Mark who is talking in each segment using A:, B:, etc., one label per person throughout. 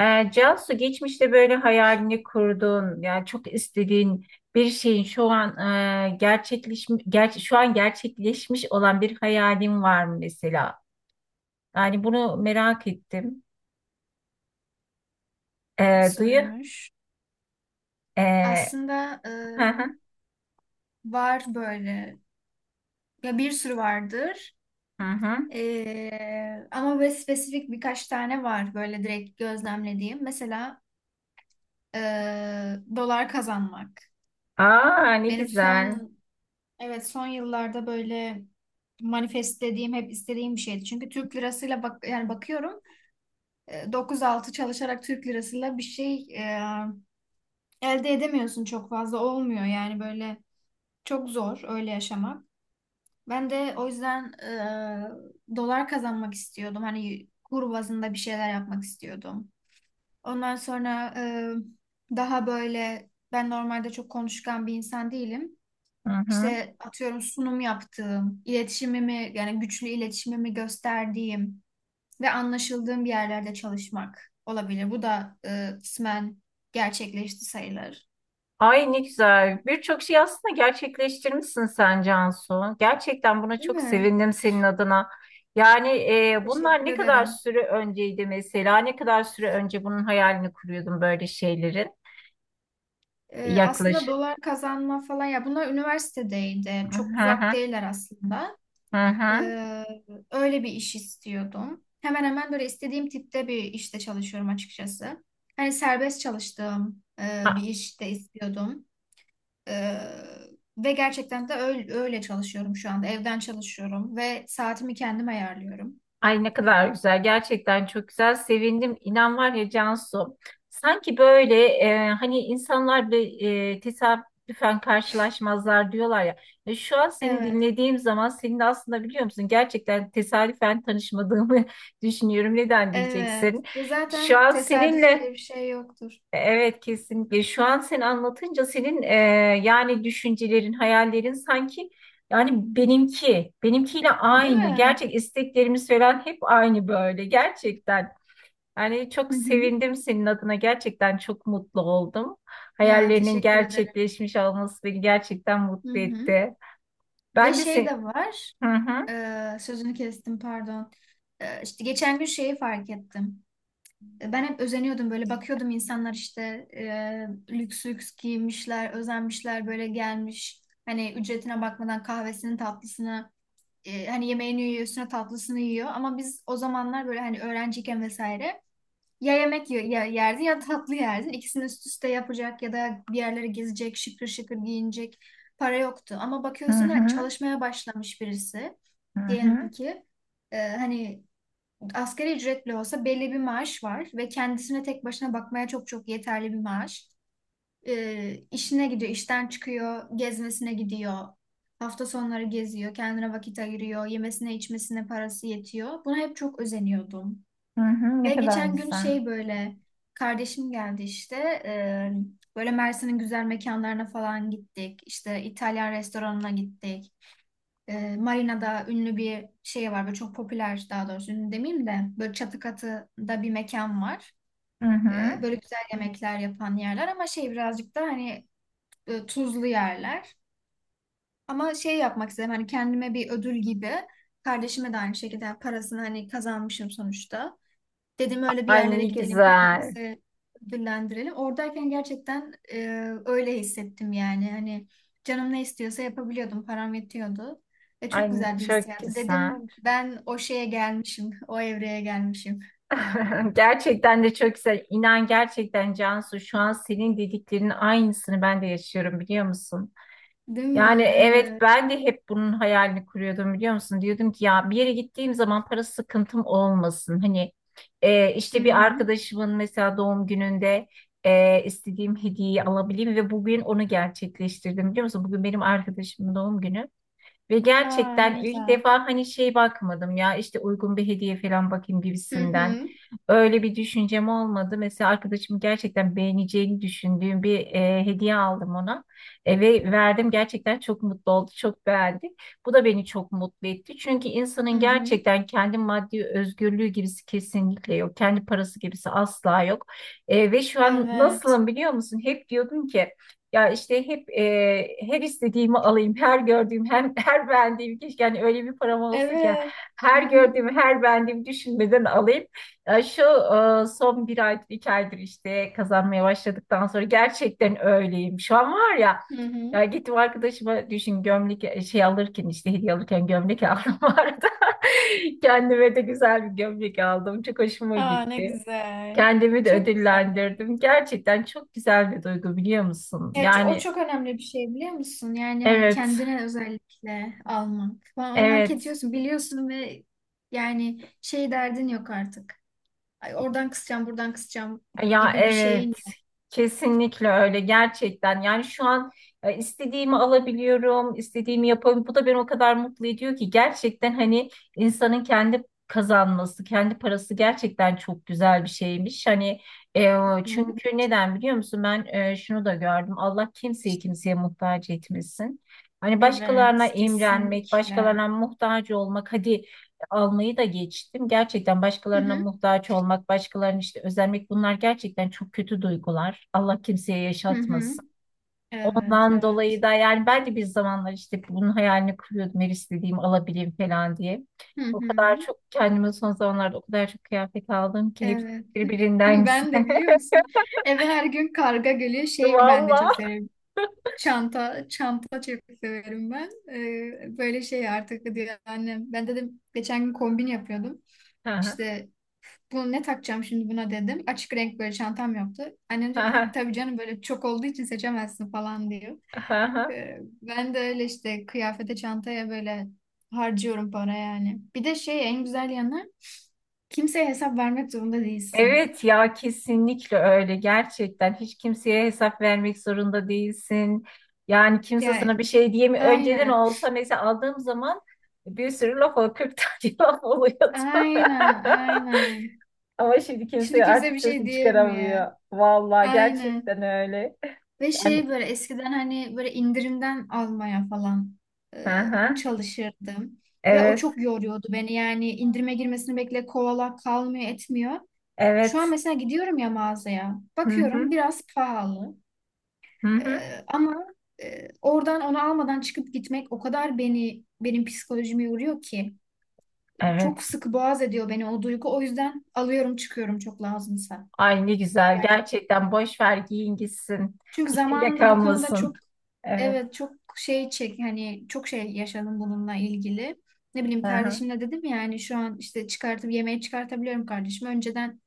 A: Cansu geçmişte böyle hayalini kurduğun yani çok istediğin bir şeyin şu an gerçekleşmiş şu an gerçekleşmiş olan bir hayalin var mı mesela? Yani bunu merak ettim. Duyu.
B: Soruymuş.
A: Ee,
B: Aslında
A: hı hı,
B: var böyle. Ya bir sürü vardır.
A: hı hı.
B: Ama böyle spesifik birkaç tane var böyle direkt gözlemlediğim. Mesela e, dolar kazanmak.
A: Aa ne
B: Benim
A: güzel.
B: son, evet, son yıllarda böyle manifestlediğim hep istediğim bir şeydi. Çünkü Türk lirasıyla bak, yani bakıyorum 9-6 çalışarak Türk lirasıyla bir şey elde edemiyorsun, çok fazla olmuyor. Yani böyle çok zor öyle yaşamak. Ben de o yüzden dolar kazanmak istiyordum. Hani kur bazında bir şeyler yapmak istiyordum. Ondan sonra daha böyle, ben normalde çok konuşkan bir insan değilim.
A: Hı hı.
B: İşte atıyorum, sunum yaptığım, iletişimimi, yani güçlü iletişimimi gösterdiğim ve anlaşıldığım bir yerlerde çalışmak olabilir. Bu da kısmen gerçekleşti sayılır.
A: Ay ne güzel. Birçok şey aslında gerçekleştirmişsin sen Cansu. Gerçekten buna
B: Değil
A: çok
B: mi?
A: sevindim senin adına. Yani bunlar
B: Teşekkür
A: ne kadar
B: ederim.
A: süre önceydi mesela? Ne kadar süre önce bunun hayalini kuruyordun böyle şeylerin
B: Aslında
A: yaklaşık?
B: dolar kazanma falan, ya bunlar üniversitedeydi. Çok
A: Hı
B: uzak
A: hı,
B: değiller aslında.
A: hı hı.
B: Ee, öyle bir iş istiyordum. Hemen hemen böyle istediğim tipte bir işte çalışıyorum açıkçası. Hani serbest çalıştığım bir işte istiyordum. Ee, ve gerçekten de öyle, öyle çalışıyorum şu anda. Evden çalışıyorum ve saatimi kendim ayarlıyorum.
A: Ay ne kadar güzel. Gerçekten çok güzel. Sevindim. İnan var ya Cansu. Sanki böyle hani insanlar bile tesadüfen karşılaşmazlar diyorlar ya. Şu an seni
B: Evet,
A: dinlediğim zaman senin de aslında biliyor musun gerçekten tesadüfen tanışmadığımı düşünüyorum. Neden
B: evet.
A: diyeceksin?
B: Ya
A: Şu
B: zaten
A: an
B: tesadüf
A: seninle
B: diye bir şey yoktur.
A: evet kesinlikle. Şu an sen anlatınca senin yani düşüncelerin, hayallerin sanki yani benimkiyle
B: Değil
A: aynı.
B: mi?
A: Gerçek isteklerimiz falan hep aynı böyle gerçekten. Yani çok
B: Hı hı.
A: sevindim senin adına. Gerçekten çok mutlu oldum.
B: Ya,
A: Hayallerinin
B: teşekkür ederim.
A: gerçekleşmiş olması beni gerçekten
B: Hı
A: mutlu
B: hı.
A: etti.
B: Ve
A: Ben de
B: şey
A: sen...
B: de var.
A: Hı hı,
B: Sözünü kestim, pardon. E, işte geçen gün şeyi fark ettim. Ben hep özeniyordum, böyle bakıyordum insanlar işte lüks lüks giymişler, özenmişler böyle gelmiş. Hani ücretine bakmadan kahvesini, tatlısını, hani yemeğini yiyor, üstüne tatlısını yiyor. Ama biz o zamanlar böyle, hani öğrenciyken vesaire, ya yemek yerdin ya tatlı yerdin. İkisini üst üste yapacak ya da bir yerlere gezecek, şıkır şıkır giyinecek para yoktu. Ama
A: hı
B: bakıyorsun ha,
A: hı,
B: çalışmaya başlamış birisi.
A: hı hı,
B: Diyelim ki hani asgari ücretli olsa, belli bir maaş var ve kendisine tek başına bakmaya çok çok yeterli bir maaş. E, işine gidiyor, işten çıkıyor, gezmesine gidiyor. Hafta sonları geziyor, kendine vakit ayırıyor, yemesine içmesine parası yetiyor. Buna hep çok özeniyordum.
A: hı hı.
B: Ve
A: Ne kadar
B: geçen gün
A: güzel.
B: şey böyle, kardeşim geldi işte, böyle Mersin'in güzel mekanlarına falan gittik. İşte İtalyan restoranına gittik. Marina'da ünlü bir şey var böyle, çok popüler, daha doğrusu ünlü demeyeyim de, böyle çatı katıda bir mekan var.
A: Hı hı.
B: Böyle güzel yemekler yapan yerler, ama şey, birazcık da hani tuzlu yerler. Ama şey yapmak istedim, hani kendime bir ödül gibi, kardeşime de aynı şekilde, yani parasını hani kazanmışım sonuçta. Dedim öyle bir
A: Ay
B: yerlere
A: ne
B: gidelim,
A: güzel.
B: kendimizi ödüllendirelim. Oradayken gerçekten öyle hissettim yani. Hani canım ne istiyorsa yapabiliyordum, param yetiyordu. Ve çok
A: Ay
B: güzel bir
A: çok
B: hissiyatı. Dedim
A: güzel.
B: ben o şeye gelmişim, o evreye gelmişim.
A: Gerçekten de çok güzel. İnan gerçekten Cansu şu an senin dediklerinin aynısını ben de yaşıyorum biliyor musun?
B: Değil mi?
A: Yani evet
B: Evet.
A: ben de hep bunun hayalini kuruyordum biliyor musun? Diyordum ki ya bir yere gittiğim zaman para sıkıntım olmasın. Hani
B: Hı
A: işte bir
B: hı.
A: arkadaşımın mesela doğum gününde istediğim hediyeyi alabileyim ve bugün onu gerçekleştirdim biliyor musun? Bugün benim arkadaşımın doğum günü. Ve
B: Aa, ne
A: gerçekten ilk
B: güzel.
A: defa hani şey bakmadım ya işte uygun bir hediye falan bakayım
B: Hı
A: gibisinden.
B: hı.
A: Öyle bir düşüncem olmadı. Mesela arkadaşım gerçekten beğeneceğini düşündüğüm bir hediye aldım ona. Ve verdim gerçekten çok mutlu oldu, çok beğendi. Bu da beni çok mutlu etti. Çünkü
B: Hı
A: insanın
B: hı.
A: gerçekten kendi maddi özgürlüğü gibisi kesinlikle yok. Kendi parası gibisi asla yok. Ve şu an
B: Evet.
A: nasılım biliyor musun? Hep diyordum ki ya işte hep her istediğimi alayım, her gördüğüm, hem her beğendiğim keşke yani öyle bir param olsa ki
B: Evet. Hı
A: her
B: hı.
A: gördüğümü, her beğendiğimi düşünmeden alayım. Ya şu son bir aydır, iki aydır işte kazanmaya başladıktan sonra gerçekten öyleyim. Şu an var ya,
B: Hı hı.
A: ya gittim arkadaşıma düşün gömlek şey alırken işte hediye alırken gömlek aldım bu arada. Kendime de güzel bir gömlek aldım. Çok hoşuma
B: Aa, ne
A: gitti.
B: güzel.
A: Kendimi de
B: Çok güzel.
A: ödüllendirdim. Gerçekten çok güzel bir duygu biliyor musun?
B: Evet, o
A: Yani
B: çok önemli bir şey, biliyor musun? Yani hani
A: evet,
B: kendine özellikle almak falan, onu hak
A: evet.
B: ediyorsun, biliyorsun, ve yani şey derdin yok artık. Ay, oradan kısacağım, buradan kısacağım
A: Ya
B: gibi bir şeyin
A: evet.
B: yok.
A: Kesinlikle öyle gerçekten. Yani şu an istediğimi alabiliyorum, istediğimi yapabiliyorum. Bu da beni o kadar mutlu ediyor ki gerçekten hani insanın kendi kazanması, kendi parası gerçekten çok güzel bir şeymiş. Hani e,
B: Hı.
A: çünkü neden biliyor musun? Ben şunu da gördüm. Allah kimseyi kimseye muhtaç etmesin. Hani başkalarına
B: Evet,
A: imrenmek,
B: kesinlikle.
A: başkalarına muhtaç olmak, hadi almayı da geçtim. Gerçekten
B: Hı
A: başkalarına
B: hı.
A: muhtaç olmak, başkalarının işte özenmek bunlar gerçekten çok kötü duygular. Allah kimseye
B: Hı hı.
A: yaşatmasın.
B: Evet,
A: Ondan
B: evet.
A: dolayı da yani ben de bir zamanlar işte bunun hayalini kuruyordum. Her istediğimi alabileyim falan diye.
B: Hı
A: O
B: hı.
A: kadar çok kendime son zamanlarda o kadar çok kıyafet aldım ki hepsi
B: Evet.
A: birbirinden
B: Ben
A: güzel.
B: de biliyor musun? Eve her gün karga geliyor. Şey, ben de çok seviyorum. Çanta, çanta çok severim ben. Böyle şey artık diyor annem. Ben dedim geçen gün kombin yapıyordum. İşte bunu ne takacağım şimdi buna, dedim. Açık renk böyle çantam yoktu. Annem diyor ki, tabii canım, böyle çok olduğu için seçemezsin falan diyor.
A: Valla.
B: Ben de öyle işte kıyafete, çantaya böyle harcıyorum para yani. Bir de şey, en güzel yanı, kimseye hesap vermek zorunda değilsin.
A: Evet ya kesinlikle öyle gerçekten hiç kimseye hesap vermek zorunda değilsin. Yani kimse
B: Ya,
A: sana bir şey diyemi önceden
B: aynen,
A: olsa mesela aldığım zaman bir sürü laf oluyor 40 tane laf oluyordu.
B: aynen, aynen.
A: Ama şimdi
B: Şimdi
A: kimse
B: kimse bir
A: artık
B: şey
A: sesini
B: diyemiyor.
A: çıkaramıyor. Vallahi
B: Aynen.
A: gerçekten öyle.
B: Ve
A: Yani
B: şey, böyle eskiden hani böyle indirimden almaya falan
A: hı
B: e,
A: hı,
B: çalışırdım. Ve o
A: evet
B: çok yoruyordu beni, yani indirime girmesini bekle kovala, kalmıyor etmiyor. Şu an
A: evet
B: mesela gidiyorum ya mağazaya,
A: hı
B: bakıyorum
A: hı,
B: biraz pahalı,
A: hı
B: E,
A: hı,
B: ama oradan onu almadan çıkıp gitmek o kadar benim psikolojimi yoruyor ki. Çok
A: evet.
B: sıkı boğaz ediyor beni o duygu, o yüzden alıyorum çıkıyorum çok lazımsa.
A: Ay ne güzel gerçekten boş ver giyin gitsin.
B: Çünkü
A: İçinde
B: zamanında bu konuda
A: kalmasın.
B: çok,
A: Evet.
B: evet, çok şey çek, hani çok şey yaşadım bununla ilgili. Ne bileyim,
A: Hı hı.
B: kardeşimle dedim ya, hani şu an işte çıkartıp yemeği çıkartabiliyorum kardeşim. Önceden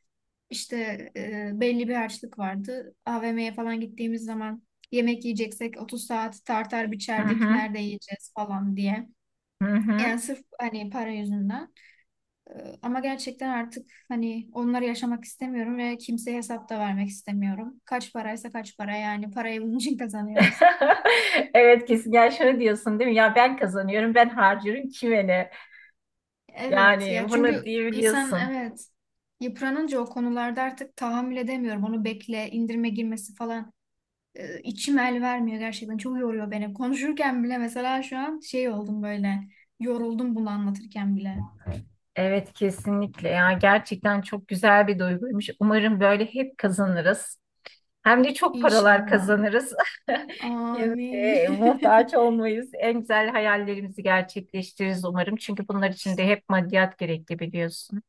B: işte belli bir harçlık vardı. AVM'ye falan gittiğimiz zaman, yemek yiyeceksek 30 saat tartar
A: Hı
B: biçerdik
A: hı,
B: nerede yiyeceğiz falan diye.
A: hı hı.
B: Yani sırf hani para yüzünden. E, Ama gerçekten artık hani onları yaşamak istemiyorum ve kimseye hesap da vermek istemiyorum. Kaç paraysa kaç para, yani parayı bunun için kazanıyoruz.
A: Evet kesin. Yani şunu diyorsun değil mi? Ya ben kazanıyorum, ben harcıyorum kime ne?
B: Evet
A: Yani
B: ya,
A: bunu
B: çünkü insan,
A: diyebiliyorsun.
B: evet, yıpranınca o konularda artık tahammül edemiyorum. Onu bekle, indirime girmesi falan, içim el vermiyor gerçekten. Çok yoruyor beni. Konuşurken bile mesela şu an şey oldum böyle. Yoruldum bunu anlatırken bile.
A: Evet kesinlikle. Ya gerçekten çok güzel bir duyguymuş. Umarım böyle hep kazanırız. Hem de çok paralar
B: İnşallah.
A: kazanırız.
B: Amin.
A: Kimseye muhtaç olmayız. En güzel hayallerimizi gerçekleştiririz umarım. Çünkü bunlar için de hep maddiyat gerekli biliyorsun.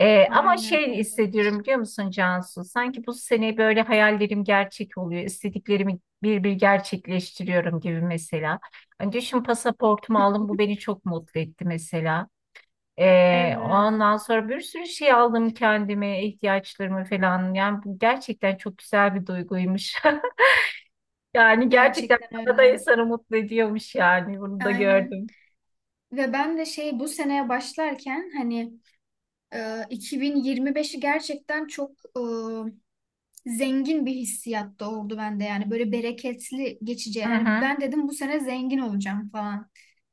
A: Ama
B: Aynen
A: şey
B: öyle.
A: hissediyorum biliyor musun Cansu? Sanki bu sene böyle hayallerim gerçek oluyor. İstediklerimi bir bir gerçekleştiriyorum gibi mesela. Hani düşün pasaportumu aldım bu beni çok mutlu etti mesela.
B: Evet,
A: Ondan sonra bir sürü şey aldım kendime, ihtiyaçlarımı falan. Yani bu gerçekten çok güzel bir duyguymuş. Yani gerçekten
B: gerçekten
A: para da
B: öyle.
A: insanı mutlu ediyormuş yani bunu da
B: Aynen.
A: gördüm.
B: Ve ben de şey, bu seneye başlarken hani e, 2025'i gerçekten çok zengin bir hissiyat doğurdu bende, yani böyle bereketli geçeceği.
A: Hı
B: Hani
A: hı.
B: ben dedim bu sene zengin olacağım falan.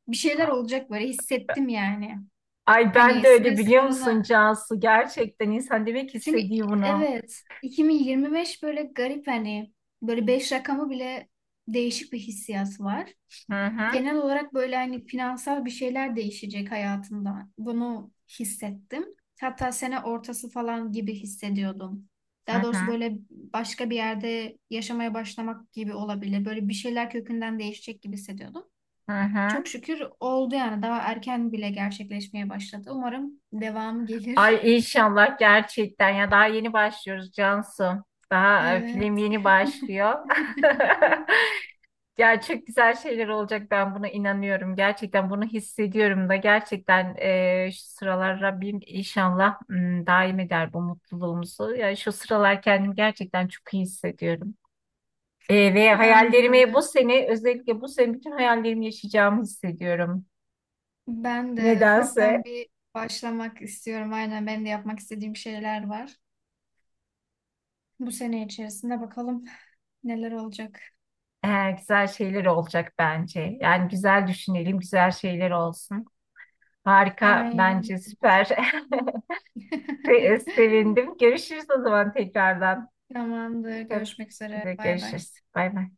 B: Bir şeyler olacak böyle hissettim yani.
A: Ay ben
B: Hani
A: de
B: sene
A: öyle biliyor musun
B: sonuna,
A: Cansu? Gerçekten insan demek
B: çünkü,
A: istediği bunu.
B: evet, 2025 böyle garip hani, böyle 5 rakamı bile değişik bir hissiyat var
A: Hı hı.
B: genel olarak, böyle hani finansal bir şeyler değişecek hayatımda. Bunu hissettim. Hatta sene ortası falan gibi hissediyordum.
A: Hı
B: Daha doğrusu
A: hı,
B: böyle başka bir yerde yaşamaya başlamak gibi olabilir. Böyle bir şeyler kökünden değişecek gibi hissediyordum.
A: hı
B: Çok
A: hı.
B: şükür oldu yani, daha erken bile gerçekleşmeye başladı. Umarım devamı
A: Ay
B: gelir.
A: inşallah gerçekten ya daha yeni başlıyoruz Cansu. Daha film
B: Evet.
A: yeni başlıyor. Ya çok güzel şeyler olacak ben buna inanıyorum. Gerçekten bunu hissediyorum da gerçekten şu sıralar Rabbim inşallah daim eder bu mutluluğumuzu. Ya şu sıralar kendimi gerçekten çok iyi hissediyorum. Ve
B: Ben de
A: hayallerimi bu
B: öyle.
A: sene özellikle bu sene bütün hayallerimi yaşayacağımı hissediyorum.
B: Ben de ufaktan
A: Nedense.
B: bir başlamak istiyorum. Aynen, benim de yapmak istediğim şeyler var. Bu sene içerisinde bakalım neler olacak.
A: Güzel şeyler olacak bence. Yani güzel düşünelim, güzel şeyler olsun. Harika,
B: Aynen.
A: bence süper. Sevindim. Görüşürüz o zaman tekrardan.
B: Tamamdır.
A: Tabii
B: Görüşmek
A: ki
B: üzere.
A: de
B: Bay bay.
A: görüşürüz. Bay bay.